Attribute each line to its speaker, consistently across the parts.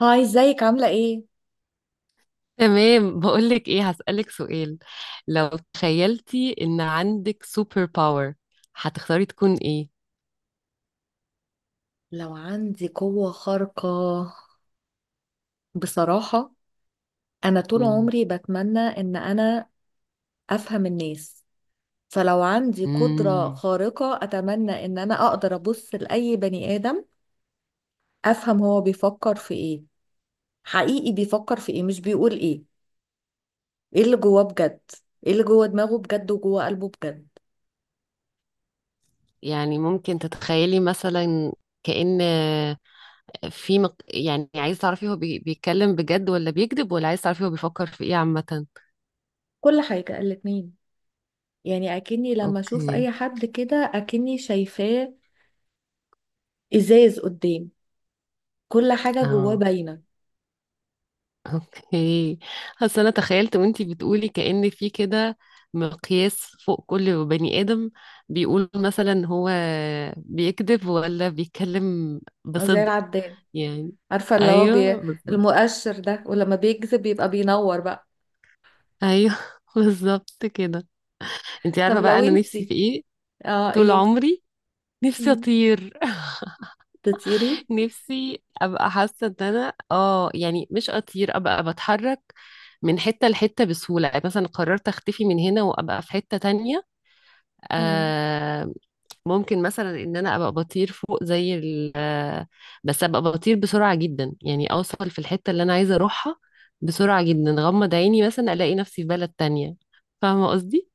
Speaker 1: هاي، ازيك؟ عاملة ايه؟
Speaker 2: تمام، بقولك ايه. هسألك سؤال. لو تخيلتي ان عندك سوبر باور هتختاري تكون ايه؟
Speaker 1: لو عندي قوة خارقة، بصراحة أنا طول
Speaker 2: مم.
Speaker 1: عمري بتمنى إن أنا أفهم الناس. فلو عندي قدرة
Speaker 2: مم.
Speaker 1: خارقة أتمنى إن أنا أقدر أبص لأي بني آدم أفهم هو بيفكر في ايه. حقيقي بيفكر في ايه مش بيقول ايه. ايه اللي جواه بجد؟ ايه اللي جوه دماغه بجد وجوه قلبه بجد؟
Speaker 2: يعني ممكن تتخيلي مثلا كأن في يعني عايز تعرفي هو بيتكلم بجد ولا بيكذب، ولا عايز تعرفي هو بيفكر في ايه عامة.
Speaker 1: كل حاجة، الاتنين. يعني أكني لما أشوف
Speaker 2: اوكي.
Speaker 1: أي حد كده أكني شايفاه إزاز قدام. كل حاجة جواه
Speaker 2: اه.
Speaker 1: باينة.
Speaker 2: اوكي. اصل انا تخيلت وانتي بتقولي كأن في كده مقياس فوق كل بني آدم، بيقول مثلا هو بيكذب ولا بيتكلم
Speaker 1: زي
Speaker 2: بصدق
Speaker 1: العداد.
Speaker 2: يعني.
Speaker 1: عارفة اللي هو
Speaker 2: ايوه بالظبط.
Speaker 1: المؤشر ده؟ ولما بيكذب يبقى بينور بقى.
Speaker 2: ايوه بالظبط كده. انتي
Speaker 1: طب
Speaker 2: عارفة بقى
Speaker 1: لو
Speaker 2: انا نفسي
Speaker 1: انتي،
Speaker 2: في ايه؟
Speaker 1: اه
Speaker 2: طول
Speaker 1: ايه.
Speaker 2: عمري نفسي
Speaker 1: مم.
Speaker 2: اطير.
Speaker 1: تطيري؟
Speaker 2: نفسي ابقى حاسة ان انا يعني مش اطير، ابقى بتحرك من حتة لحتة بسهولة، يعني مثلا قررت اختفي من هنا وابقى في حتة تانية.
Speaker 1: مم.
Speaker 2: آه. ممكن مثلا ان انا ابقى بطير فوق زي ال آه، بس ابقى بطير بسرعة جدا، يعني اوصل في الحتة اللي انا عايزة اروحها بسرعة جدا، غمض عيني مثلا الاقي نفسي في بلد تانية. فاهمة قصدي؟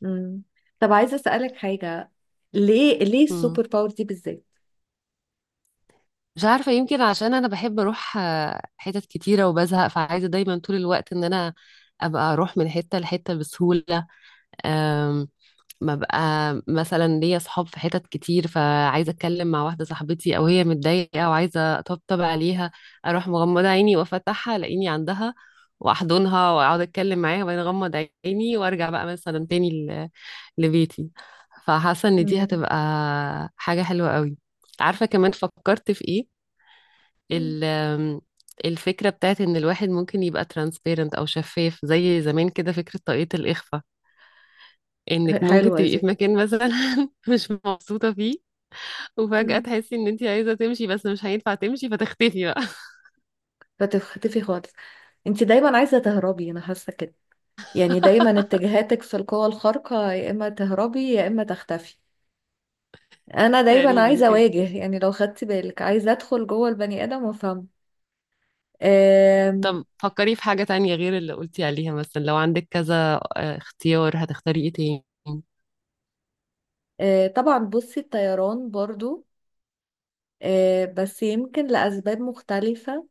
Speaker 1: مم. طب عايزة اسألك حاجة. ليه
Speaker 2: مم.
Speaker 1: السوبر باور دي بالذات؟
Speaker 2: مش عارفة، يمكن عشان أنا بحب أروح حتت كتيرة وبزهق، فعايزة دايما طول الوقت إن أنا أبقى أروح من حتة لحتة بسهولة. ببقى مثلا ليا صحاب في حتت كتير، فعايزه اتكلم مع واحده صاحبتي او هي متضايقه وعايزه اطبطب عليها، اروح مغمضه عيني وافتحها الاقيني عندها، واحضنها واقعد اتكلم معاها، وبعدين اغمض عيني وارجع بقى مثلا تاني لبيتي. فحاسه ان دي
Speaker 1: مم.
Speaker 2: هتبقى حاجه حلوه قوي. عارفه كمان فكرت في ايه؟
Speaker 1: مم.
Speaker 2: ال- الفكره بتاعت ان الواحد ممكن يبقى ترانسبيرنت او شفاف، زي زمان كده فكره طاقية الاخفاء، انك ممكن
Speaker 1: حلوة
Speaker 2: تبقي في
Speaker 1: دي.
Speaker 2: مكان مثلا مش مبسوطة فيه، وفجأة
Speaker 1: مم.
Speaker 2: تحسي ان انت عايزة تمشي بس مش هينفع تمشي فتختفي بقى.
Speaker 1: فتختفي خالص. انتي دايما عايزة تهربي، انا حاسة كده. يعني دايما اتجاهاتك في القوى الخارقة يا اما تهربي يا اما تختفي. انا دايما
Speaker 2: تقريبا
Speaker 1: عايزة
Speaker 2: كده.
Speaker 1: اواجه. يعني لو خدتي بالك، عايزة ادخل جوه البني ادم وافهمه. آم،
Speaker 2: طب فكري في حاجة تانية غير اللي قلتي عليها، مثلا لو عندك كذا اختيار، هتختاري ايه تاني؟
Speaker 1: طبعا بصي، الطيران برضو. بس يمكن لأسباب مختلفة.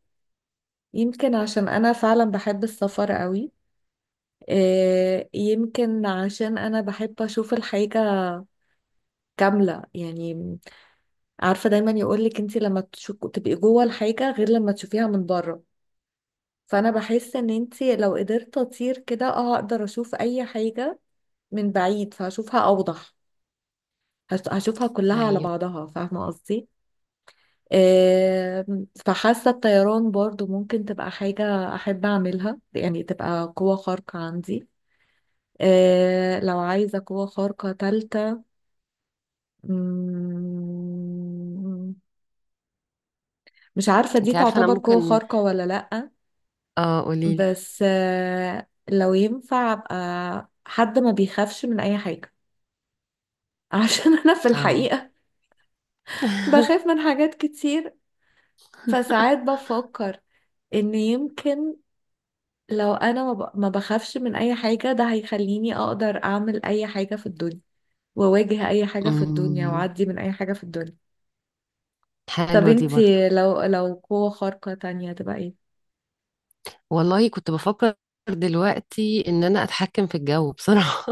Speaker 1: يمكن عشان أنا فعلا بحب السفر قوي. يمكن عشان أنا بحب أشوف الحاجة كاملة يعني. عارفة، دايما يقولك انتي لما تبقي جوه الحاجة غير لما تشوفيها من بره. فأنا بحس إن انتي لو قدرت أطير كده اه أقدر أشوف أي حاجة من بعيد فهشوفها أوضح. هشوفها كلها على
Speaker 2: ايوه.
Speaker 1: بعضها، فاهمة قصدي؟ فحاسة الطيران برضو ممكن تبقى حاجة أحب أعملها، يعني تبقى قوة خارقة عندي. لو عايزة قوة خارقة تالتة، مم، مش عارفة دي
Speaker 2: انت عارفة انا
Speaker 1: تعتبر قوة
Speaker 2: ممكن.
Speaker 1: خارقة ولا لأ.
Speaker 2: اه قوليلي.
Speaker 1: بس لو ينفع أبقى حد ما بيخافش من أي حاجة، عشان أنا في
Speaker 2: اه.
Speaker 1: الحقيقة بخاف من حاجات كتير. فساعات بفكر إن يمكن لو انا ما بخافش من اي حاجة، ده هيخليني اقدر اعمل اي حاجة في الدنيا، واواجه اي حاجة في الدنيا،
Speaker 2: أمم،
Speaker 1: واعدي من اي حاجة في الدنيا. طب
Speaker 2: حلوة دي برضو.
Speaker 1: انتي لو، قوة خارقة تانية تبقى ايه؟
Speaker 2: والله كنت بفكر دلوقتي ان انا اتحكم في الجو بصراحة.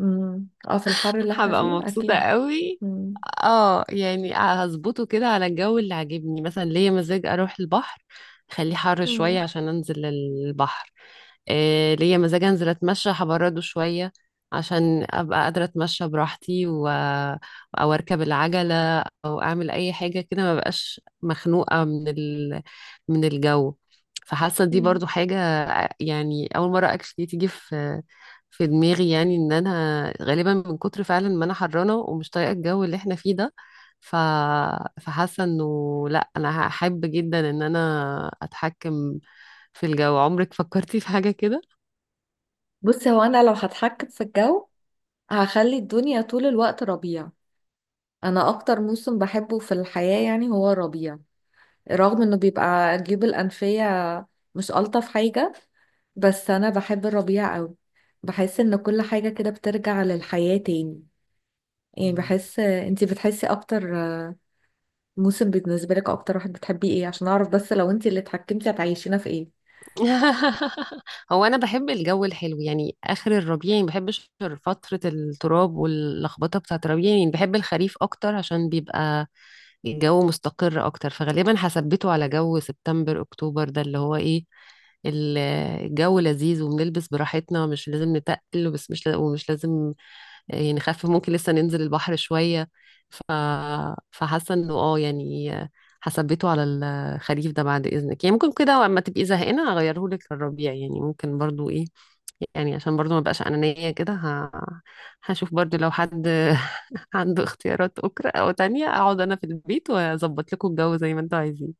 Speaker 1: امم، اه، في الحر اللي احنا
Speaker 2: هبقى
Speaker 1: فيه
Speaker 2: مبسوطة
Speaker 1: اكيد.
Speaker 2: قوي.
Speaker 1: امم.
Speaker 2: اه يعني هظبطه كده على الجو اللي عاجبني، مثلا ليا مزاج اروح البحر، خليه حر شوية
Speaker 1: مم.
Speaker 2: عشان انزل البحر. إيه ليا مزاج انزل اتمشى، هبرده شوية عشان ابقى قادرة اتمشى براحتي او اركب العجلة او اعمل اي حاجة كده، ما بقاش مخنوقة من من الجو. فحاسة دي
Speaker 1: مم.
Speaker 2: برضو حاجة، يعني اول مرة اكشلي تيجي في دماغي، يعني ان انا غالبا من كتر فعلا ما انا حرانه ومش طايقه الجو اللي احنا فيه ده، ف... فحاسه انه لا انا هحب جدا ان انا اتحكم في الجو. عمرك فكرتي في حاجه كده؟
Speaker 1: بصي، هو انا لو هتحكم في الجو هخلي الدنيا طول الوقت ربيع. انا اكتر موسم بحبه في الحياة يعني هو الربيع. رغم انه بيبقى الجيوب الانفية مش الطف حاجة، بس انا بحب الربيع قوي. بحس ان كل حاجة كده بترجع للحياة تاني. يعني
Speaker 2: مم.
Speaker 1: بحس، انتي بتحسي اكتر موسم بالنسبة لك، اكتر واحد بتحبيه ايه عشان اعرف؟ بس لو انتي اللي اتحكمتي هتعيشينا في ايه؟
Speaker 2: هو انا بحب الجو الحلو، يعني اخر الربيع، يعني ما بحبش فترة التراب واللخبطة بتاعة الربيع، يعني بحب الخريف اكتر عشان بيبقى الجو مستقر اكتر، فغالبا هثبته على جو سبتمبر اكتوبر، ده اللي هو ايه، ال- الجو لذيذ وبنلبس براحتنا مش لازم نتقل، بس مش لا- ومش لازم يعني، خف، ممكن لسه ننزل البحر شوية، ف... فحاسة انه يعني هثبته على الخريف ده بعد اذنك، يعني ممكن كده اما تبقي زهقانة اغيره لك للربيع، يعني ممكن برضو ايه، يعني عشان برضو ما بقاش انانية كده هشوف برضو لو حد عنده اختيارات اخرى او تانية، اقعد انا في البيت واظبط لكم الجو زي ما انتوا عايزين.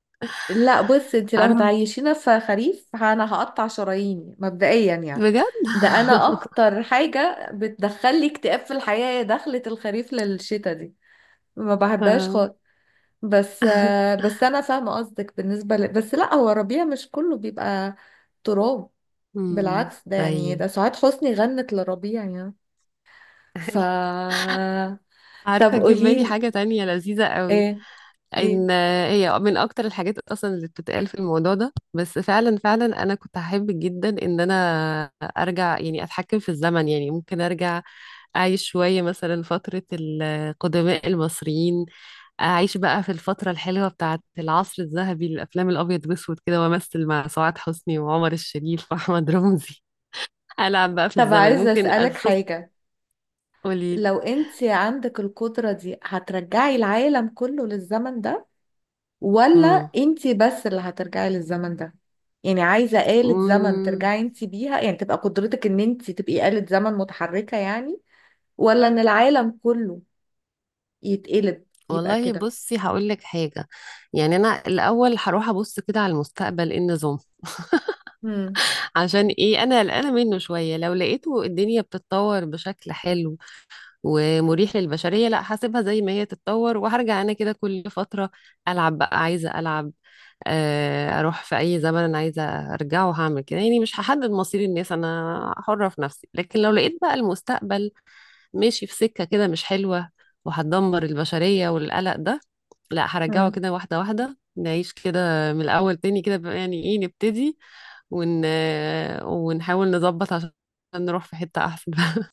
Speaker 1: لا بص، انتي لو
Speaker 2: عارفة؟
Speaker 1: هتعيشينا في خريف انا هقطع شراييني مبدئيا يعني.
Speaker 2: بجد.
Speaker 1: ده انا اكتر حاجة بتدخلي اكتئاب في الحياة هي دخلة الخريف للشتا دي. ما بحبهاش
Speaker 2: آه.
Speaker 1: خالص. بس بس انا فاهمه قصدك بالنسبه بس لا، هو ربيع مش كله بيبقى تراب.
Speaker 2: أمم،
Speaker 1: بالعكس، ده يعني
Speaker 2: ايوه.
Speaker 1: ده سعاد حسني غنت لربيع يعني. ف طب
Speaker 2: عارفة جه في بالي
Speaker 1: قوليلي
Speaker 2: حاجة تانية لذيذة قوي،
Speaker 1: ايه؟ ايه؟
Speaker 2: ان هي من اكتر الحاجات اصلا اللي بتتقال في الموضوع ده، بس فعلا فعلا انا كنت هحب جدا ان انا ارجع، يعني اتحكم في الزمن، يعني ممكن ارجع اعيش شوية مثلا فترة القدماء المصريين، اعيش بقى في الفترة الحلوة بتاعة العصر الذهبي للافلام الابيض واسود كده، وامثل مع سعاد حسني وعمر الشريف واحمد رمزي. العب بقى في
Speaker 1: طب
Speaker 2: الزمن،
Speaker 1: عايزه
Speaker 2: ممكن
Speaker 1: اسالك
Speaker 2: اشوف.
Speaker 1: حاجه.
Speaker 2: قوليلي.
Speaker 1: لو انت عندك القدره دي هترجعي العالم كله للزمن ده، ولا انت بس اللي هترجعي للزمن ده؟ يعني عايزه آلة زمن
Speaker 2: امم
Speaker 1: ترجعي انت بيها، يعني تبقى قدرتك ان انت تبقي آلة زمن متحركه يعني، ولا ان العالم كله يتقلب يبقى
Speaker 2: والله
Speaker 1: كده؟
Speaker 2: بصي هقول لك حاجه، يعني انا الاول هروح ابص كده على المستقبل ايه النظام،
Speaker 1: مم.
Speaker 2: عشان ايه انا قلقانه منه شويه. لو لقيته الدنيا بتتطور بشكل حلو ومريح للبشريه لا هسيبها زي ما هي تتطور، وهرجع انا كده كل فتره العب بقى، عايزه العب اروح في اي زمن انا عايزه ارجعه، هعمل كده يعني، مش هحدد مصير الناس، انا حره في نفسي. لكن لو لقيت بقى المستقبل ماشي في سكة كده مش حلوة وهتدمر البشرية والقلق ده، لا هرجعه
Speaker 1: مم.
Speaker 2: كده واحدة واحدة نعيش كده من الأول تاني كده بقى، يعني ايه نبتدي ون... ونحاول نظبط عشان نروح في حتة أحسن.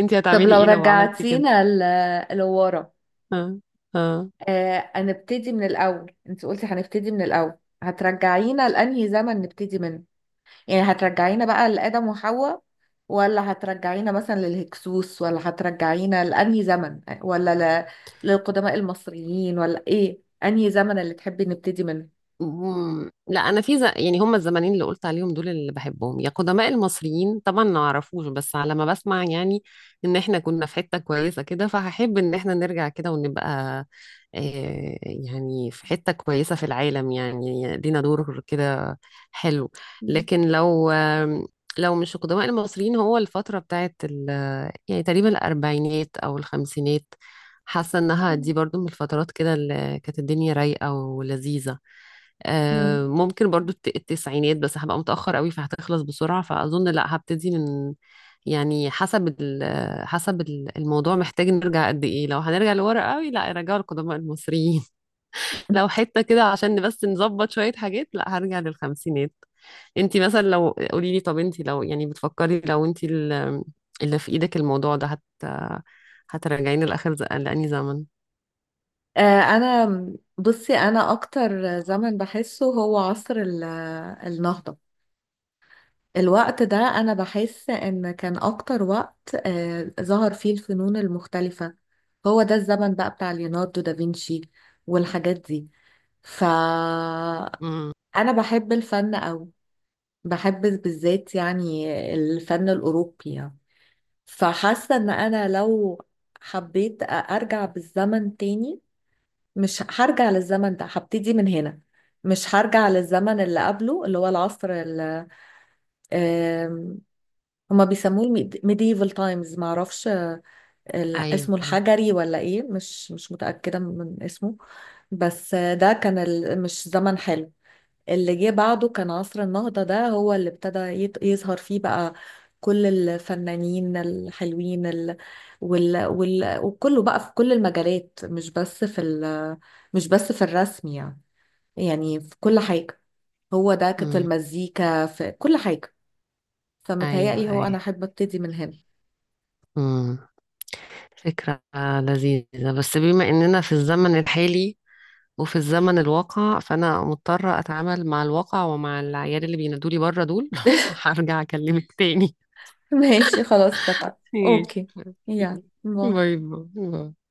Speaker 2: انتي
Speaker 1: طب
Speaker 2: هتعملي
Speaker 1: لو
Speaker 2: ايه لو عملتي كده؟
Speaker 1: رجعتينا لورا،
Speaker 2: اه. اه.
Speaker 1: آه هنبتدي من الاول، انت قلتي هنبتدي من الاول، هترجعينا لانهي زمن نبتدي منه؟ يعني هترجعينا بقى لآدم وحواء، ولا هترجعينا مثلا للهكسوس، ولا هترجعينا لانهي زمن، ولا للقدماء المصريين، ولا ايه انهي زمن اللي تحبي نبتدي منه؟
Speaker 2: مم. لا انا في يعني هم الزمانين اللي قلت عليهم دول اللي بحبهم، يا قدماء المصريين طبعا ما اعرفوش بس على ما بسمع، يعني ان احنا كنا في حتة كويسة كده، فهحب ان احنا نرجع كده ونبقى يعني في حتة كويسة في العالم، يعني لينا دور كده حلو.
Speaker 1: مم.
Speaker 2: لكن لو لو مش القدماء المصريين هو الفترة بتاعت يعني تقريبا الأربعينات أو الخمسينات. حاسة إنها دي برضو من الفترات كده اللي كانت الدنيا رايقة ولذيذة.
Speaker 1: مم.
Speaker 2: ممكن برضو التسعينات، بس هبقى متأخر قوي فهتخلص بسرعة، فأظن لا هبتدي من، يعني حسب الموضوع، محتاج نرجع قد إيه. لو هنرجع لورا قوي لا رجعوا القدماء المصريين، لو حتة كده عشان بس نظبط شوية حاجات لا هرجع للخمسينات. انتي مثلا لو قولي لي، طب انتي لو يعني بتفكري، لو انتي اللي في ايدك الموضوع ده هترجعيني لآخر لأني زمن.
Speaker 1: انا بصي، انا اكتر زمن بحسه هو عصر النهضة. الوقت ده انا بحس ان كان اكتر وقت ظهر فيه الفنون المختلفة. هو ده الزمن بقى بتاع ليوناردو دافنشي والحاجات دي. فانا
Speaker 2: امم.
Speaker 1: بحب الفن أوي، بحب بالذات يعني الفن الاوروبي يعني. فحاسة ان انا لو حبيت ارجع بالزمن تاني، مش هرجع للزمن ده، هبتدي من هنا. مش هرجع للزمن اللي قبله اللي هو العصر آم، هما بيسموه الميديفال تايمز، معرفش، اسمه
Speaker 2: ايوه.
Speaker 1: الحجري ولا ايه، مش متأكدة من اسمه. بس ده كان مش زمن حلو. اللي جه بعده كان عصر النهضة، ده هو اللي ابتدى يظهر فيه بقى كل الفنانين الحلوين وكله بقى في كل المجالات، مش بس في مش بس في الرسم يعني. يعني في كل حاجة. هو ده كانت
Speaker 2: امم.
Speaker 1: المزيكا في كل حاجة.
Speaker 2: ايوه.
Speaker 1: فمتهيألي هو أنا
Speaker 2: ايوه.
Speaker 1: أحب أبتدي من هنا.
Speaker 2: امم فكرة لذيذة، بس بما اننا في الزمن الحالي وفي الزمن الواقع فانا مضطرة اتعامل مع الواقع ومع العيال اللي بينادولي بره دول. هرجع اكلمك تاني.
Speaker 1: ماشي خلاص اتفقنا.
Speaker 2: ماشي.
Speaker 1: أوكي، يا
Speaker 2: يلا.
Speaker 1: باي.
Speaker 2: باي باي باي.